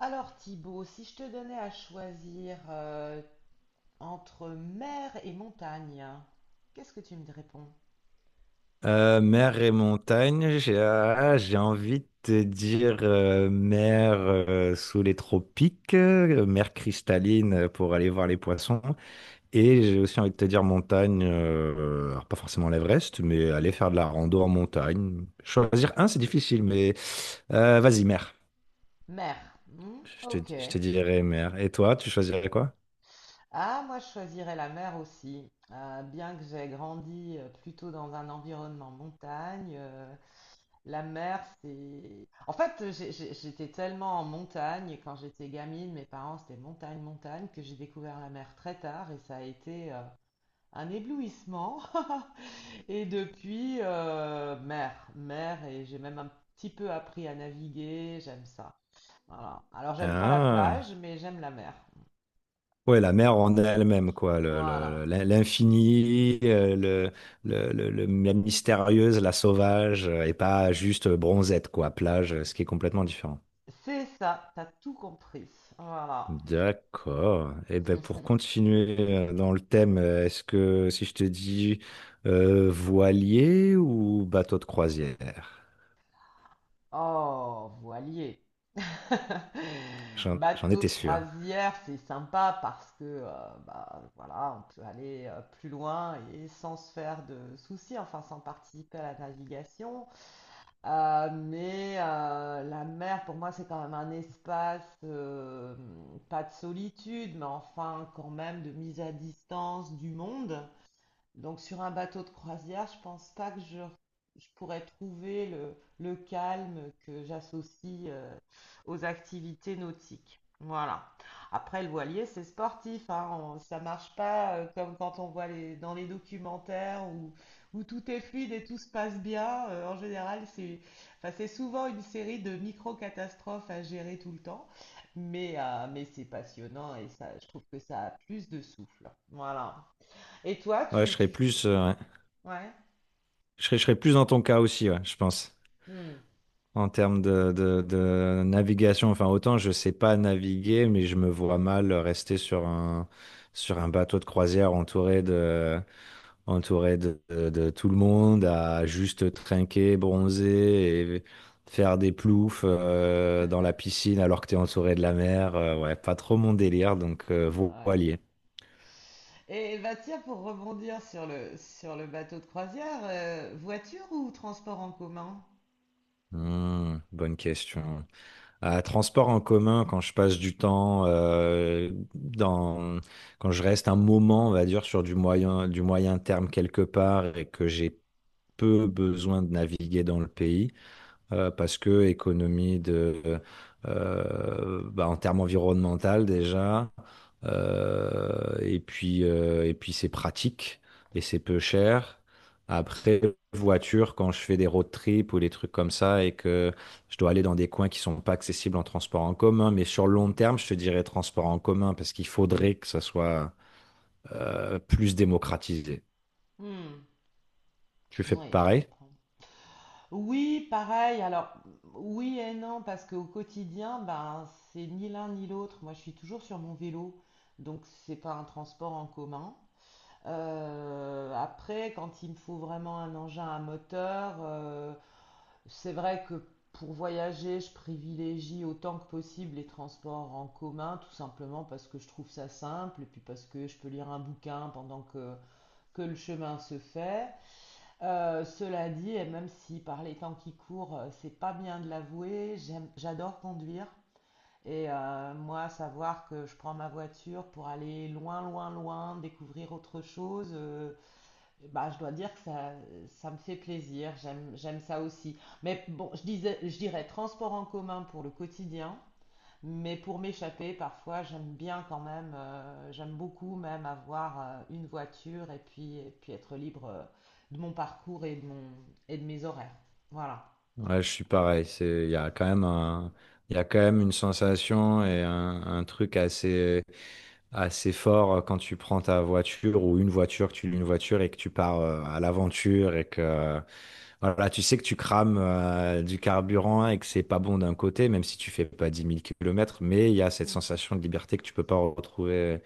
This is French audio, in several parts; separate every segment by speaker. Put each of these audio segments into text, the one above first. Speaker 1: Alors Thibaut, si je te donnais à choisir entre mer et montagne, qu'est-ce que tu me réponds?
Speaker 2: Mer et montagne, j'ai envie de te dire mer sous les tropiques, mer cristalline pour aller voir les poissons. Et j'ai aussi envie de te dire montagne, alors pas forcément l'Everest, mais aller faire de la rando en montagne. Choisir un, c'est difficile, mais vas-y, mer.
Speaker 1: Mer.
Speaker 2: Je
Speaker 1: Ok.
Speaker 2: te dirais mer. Et toi, tu choisirais quoi?
Speaker 1: Ah, moi je choisirais la mer aussi. Bien que j'ai grandi plutôt dans un environnement montagne, la mer c'est... En fait, j'étais tellement en montagne quand j'étais gamine, mes parents c'était montagne, montagne, que j'ai découvert la mer très tard et ça a été un éblouissement. Et depuis, mer, mer, et j'ai même un petit peu appris à naviguer, j'aime ça. Voilà. Alors, j'aime pas la
Speaker 2: Ah.
Speaker 1: plage, mais j'aime la mer.
Speaker 2: Ouais, la mer en elle-même, quoi.
Speaker 1: Voilà.
Speaker 2: L'infini, la mystérieuse, la sauvage, et pas juste bronzette, quoi, plage, ce qui est complètement différent.
Speaker 1: C'est ça, t'as tout compris. Voilà.
Speaker 2: D'accord. Et ben pour continuer dans le thème, est-ce que si je te dis voilier ou bateau de croisière?
Speaker 1: Oh, voilier.
Speaker 2: J'en
Speaker 1: Bateau de
Speaker 2: étais sûr.
Speaker 1: croisière, c'est sympa parce que bah, voilà, on peut aller plus loin et sans se faire de soucis, enfin sans participer à la navigation. Mais la mer, pour moi, c'est quand même un espace, pas de solitude, mais enfin quand même de mise à distance du monde. Donc sur un bateau de croisière, je pense pas que je pourrais trouver le calme que j'associe aux activités nautiques. Voilà. Après, le voilier, c'est sportif, hein. Ça marche pas comme quand on voit dans les documentaires où tout est fluide et tout se passe bien. En général, enfin, c'est souvent une série de micro-catastrophes à gérer tout le temps, mais c'est passionnant et ça, je trouve que ça a plus de souffle. Voilà. Et toi,
Speaker 2: Ouais, je serais
Speaker 1: tu...
Speaker 2: plus, ouais.
Speaker 1: Ouais.
Speaker 2: Je je serais plus dans ton cas aussi, ouais, je pense.
Speaker 1: Hmm.
Speaker 2: En termes de, de navigation. Enfin, autant je sais pas naviguer, mais je me vois mal rester sur un bateau de croisière entouré de, de tout le monde, à juste trinquer, bronzer et faire des ploufs dans la piscine alors que tu es entouré de la mer. Ouais, pas trop mon délire, donc
Speaker 1: Ouais.
Speaker 2: voilier.
Speaker 1: Et Baptiste, pour rebondir sur sur le bateau de croisière, voiture ou transport en commun?
Speaker 2: Bonne question. À transport en commun, quand je passe du temps, quand je reste un moment, on va dire, sur du moyen terme quelque part et que j'ai peu besoin de naviguer dans le pays, parce que économie de, bah, en termes environnemental déjà, et puis c'est pratique et c'est peu cher. Après, voiture, quand je fais des road trips ou des trucs comme ça et que je dois aller dans des coins qui sont pas accessibles en transport en commun, mais sur le long
Speaker 1: Hmm.
Speaker 2: terme, je te dirais transport en commun parce qu'il faudrait que ça soit plus démocratisé.
Speaker 1: Hmm.
Speaker 2: Tu fais
Speaker 1: Oui, je
Speaker 2: pareil?
Speaker 1: comprends. Oui, pareil. Alors, oui et non, parce qu'au quotidien, ben, c'est ni l'un ni l'autre. Moi, je suis toujours sur mon vélo, donc c'est pas un transport en commun. Après, quand il me faut vraiment un engin à moteur, c'est vrai que pour voyager, je privilégie autant que possible les transports en commun, tout simplement parce que je trouve ça simple et puis parce que je peux lire un bouquin que le chemin se fait. Cela dit, et même si par les temps qui courent, c'est pas bien de l'avouer, j'adore conduire. Et moi, savoir que je prends ma voiture pour aller loin, loin, loin, découvrir autre chose, bah, je dois dire que ça me fait plaisir, j'aime ça aussi. Mais bon, je disais, je dirais transport en commun pour le quotidien, mais pour m'échapper, parfois, j'aime bien quand même, j'aime beaucoup même avoir une voiture et puis être libre de mon parcours et de et de mes horaires. Voilà.
Speaker 2: Ouais, je suis pareil. Il y a quand même un, il y a quand même une sensation et un truc assez, assez fort quand tu prends ta voiture ou une voiture, que tu loues une voiture et que tu pars à l'aventure et que, voilà, tu sais que tu crames du carburant et que c'est pas bon d'un côté, même si tu fais pas 10 000 kilomètres, mais il y a cette
Speaker 1: Mm.
Speaker 2: sensation de liberté que tu peux pas retrouver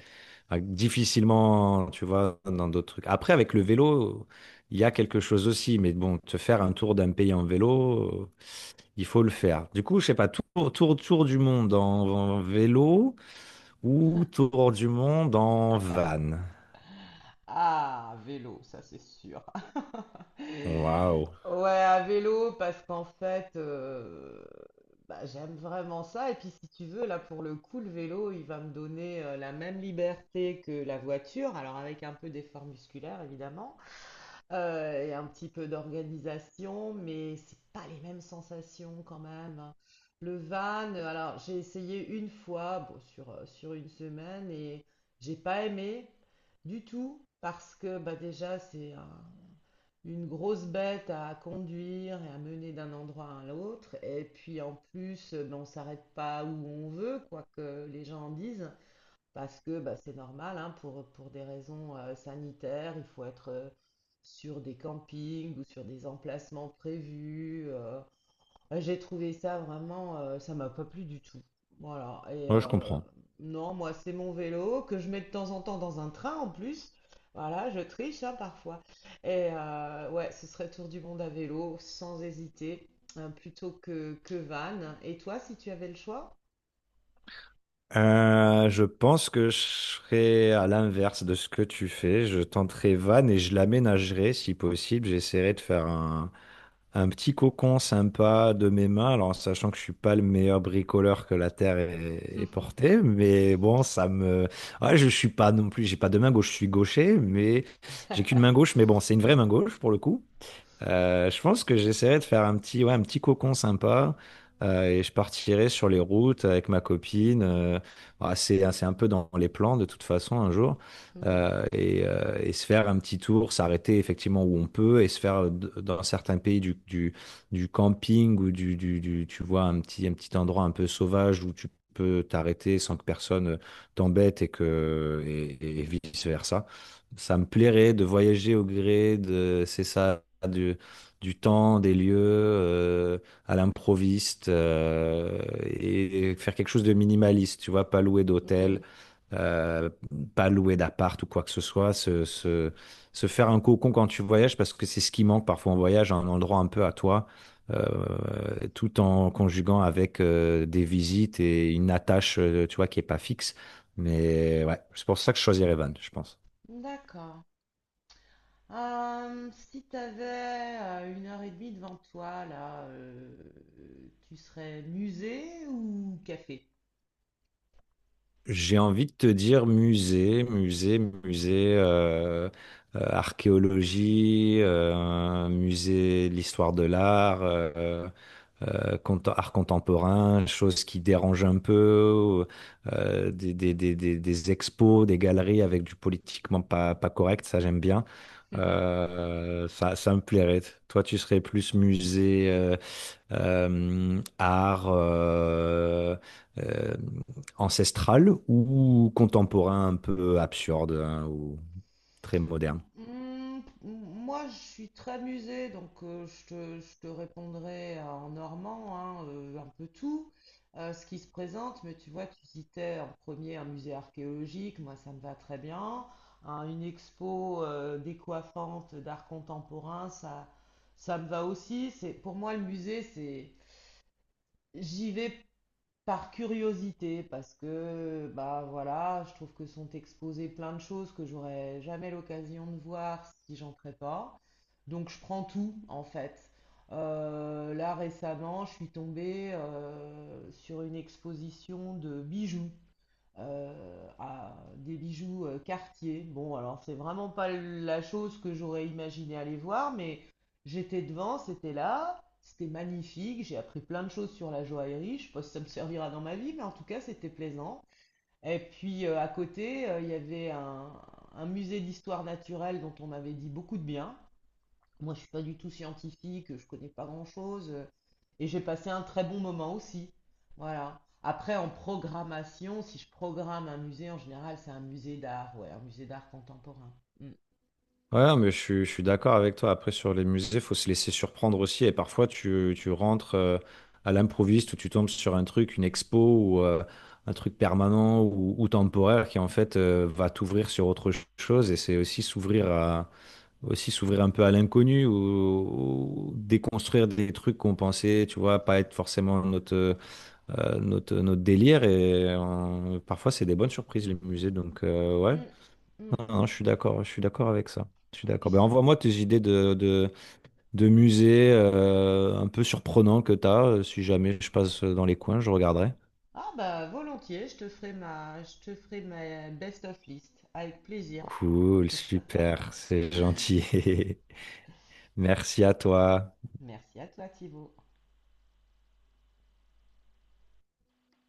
Speaker 2: ah, difficilement, tu vois, dans d'autres trucs. Après, avec le vélo, il y a quelque chose aussi, mais bon, te faire un tour d'un pays en vélo, il faut le faire. Du coup, je sais pas, tour du monde en, en vélo ou tour du monde en van.
Speaker 1: Ah, vélo, ça c'est sûr.
Speaker 2: Waouh.
Speaker 1: Ouais, à vélo, parce qu'en fait, bah, j'aime vraiment ça. Et puis, si tu veux, là, pour le coup, le vélo, il va me donner la même liberté que la voiture, alors avec un peu d'effort musculaire, évidemment, et un petit peu d'organisation, mais c'est pas les mêmes sensations quand même. Le van, alors j'ai essayé une fois, bon, sur une semaine, et j'ai pas aimé du tout, parce que bah, déjà, c'est un une grosse bête à conduire et à mener d'un endroit à l'autre. Et puis en plus, ben, on s'arrête pas où on veut, quoi que les gens en disent, parce que bah, c'est normal, hein, pour des raisons sanitaires, il faut être sur des campings ou sur des emplacements prévus. J'ai trouvé ça vraiment, ça m'a pas plu du tout. Voilà. Et
Speaker 2: Moi, je
Speaker 1: euh,
Speaker 2: comprends.
Speaker 1: non, moi, c'est mon vélo que je mets de temps en temps dans un train en plus. Voilà, je triche hein, parfois. Et ouais, ce serait tour du monde à vélo, sans hésiter, hein, plutôt que van. Et toi, si tu avais le choix?
Speaker 2: Je pense que je serais à l'inverse de ce que tu fais. Je tenterai van et je l'aménagerai si possible. J'essaierai de faire un petit cocon sympa de mes mains, alors en sachant que je suis pas le meilleur bricoleur que la terre ait porté, mais bon, ouais, je suis pas non plus, j'ai pas de main gauche, je suis gaucher, mais j'ai qu'une main gauche, mais bon, c'est une vraie main gauche pour le coup. Je pense que j'essaierai de faire un petit, ouais, un petit cocon sympa et je partirai sur les routes avec ma copine. C'est, hein, c'est un peu dans les plans de toute façon un jour
Speaker 1: Hmm,
Speaker 2: et se faire un petit tour, s'arrêter effectivement où on peut et se faire dans certains pays du camping ou tu vois, un petit endroit un peu sauvage où tu peux t'arrêter sans que personne t'embête et que et vice versa. Ça me plairait de voyager au gré de, C'est ça, du temps, des lieux, à l'improviste, et faire quelque chose de minimaliste, tu vois, pas louer
Speaker 1: hmm,
Speaker 2: d'hôtel, euh, pas louer d'appart ou quoi que ce soit, se faire un cocon quand tu voyages, parce que c'est ce qui manque parfois en voyage, un endroit un peu à toi, euh, tout en conjuguant avec des visites et une attache, tu vois, qui est pas fixe. Mais ouais, c'est pour ça que je choisirais van, je pense.
Speaker 1: d'accord. Si tu avais une heure et demie devant toi, tu serais musée ou café?
Speaker 2: J'ai envie de te dire musée, archéologie, musée de l'histoire de l'art, art contemporain, choses qui dérangent un peu, des expos, des galeries avec du politiquement pas correct, ça j'aime bien. Ça me plairait. Toi, tu serais plus musée, art euh, ancestral ou contemporain un peu absurde hein, ou très moderne.
Speaker 1: Mm, moi, je suis très musée, donc je te répondrai en normand, hein, un peu tout, ce qui se présente, mais tu vois, tu citais en premier un musée archéologique, moi ça me va très bien, hein, une expo décoiffante d'art contemporain, ça me va aussi. Pour moi, le musée, j'y vais par curiosité, parce que bah voilà, je trouve que sont exposées plein de choses que j'aurais jamais l'occasion de voir si j'entrais pas. Donc je prends tout en fait. Là récemment, je suis tombée sur une exposition de bijoux à des bijoux Cartier. Bon, alors c'est vraiment pas la chose que j'aurais imaginé aller voir, mais j'étais devant, c'était là, c'était magnifique, j'ai appris plein de choses sur la joaillerie, je sais pas si ça me servira dans ma vie, mais en tout cas c'était plaisant. Et puis à côté, il y avait un musée d'histoire naturelle dont on m'avait dit beaucoup de bien. Moi, je suis pas du tout scientifique, je connais pas grand-chose. Et j'ai passé un très bon moment aussi. Voilà. Après, en programmation, si je programme un musée, en général, c'est un musée d'art, ouais, un musée d'art contemporain. Mm.
Speaker 2: Ouais, mais je suis d'accord avec toi. Après, sur les musées, faut se laisser surprendre aussi. Et parfois, tu rentres à l'improviste ou tu tombes sur un truc, une expo ou un truc permanent ou temporaire qui, en fait, va t'ouvrir sur autre chose. Et c'est aussi s'ouvrir à, aussi s'ouvrir un peu à l'inconnu ou déconstruire des trucs qu'on pensait, tu vois, pas être forcément notre, notre délire. Et parfois, c'est des bonnes surprises, les musées. Donc, ouais,
Speaker 1: Mm, mm.
Speaker 2: non, je suis d'accord avec ça. Je suis
Speaker 1: Puis,
Speaker 2: d'accord. Ben, envoie-moi tes idées de musées un peu surprenants que tu as. Si jamais je passe dans les coins, je regarderai.
Speaker 1: ah bah volontiers, je te ferai ma best of list avec plaisir.
Speaker 2: Cool, super, c'est gentil. Merci à toi.
Speaker 1: Merci à toi, Thibaut.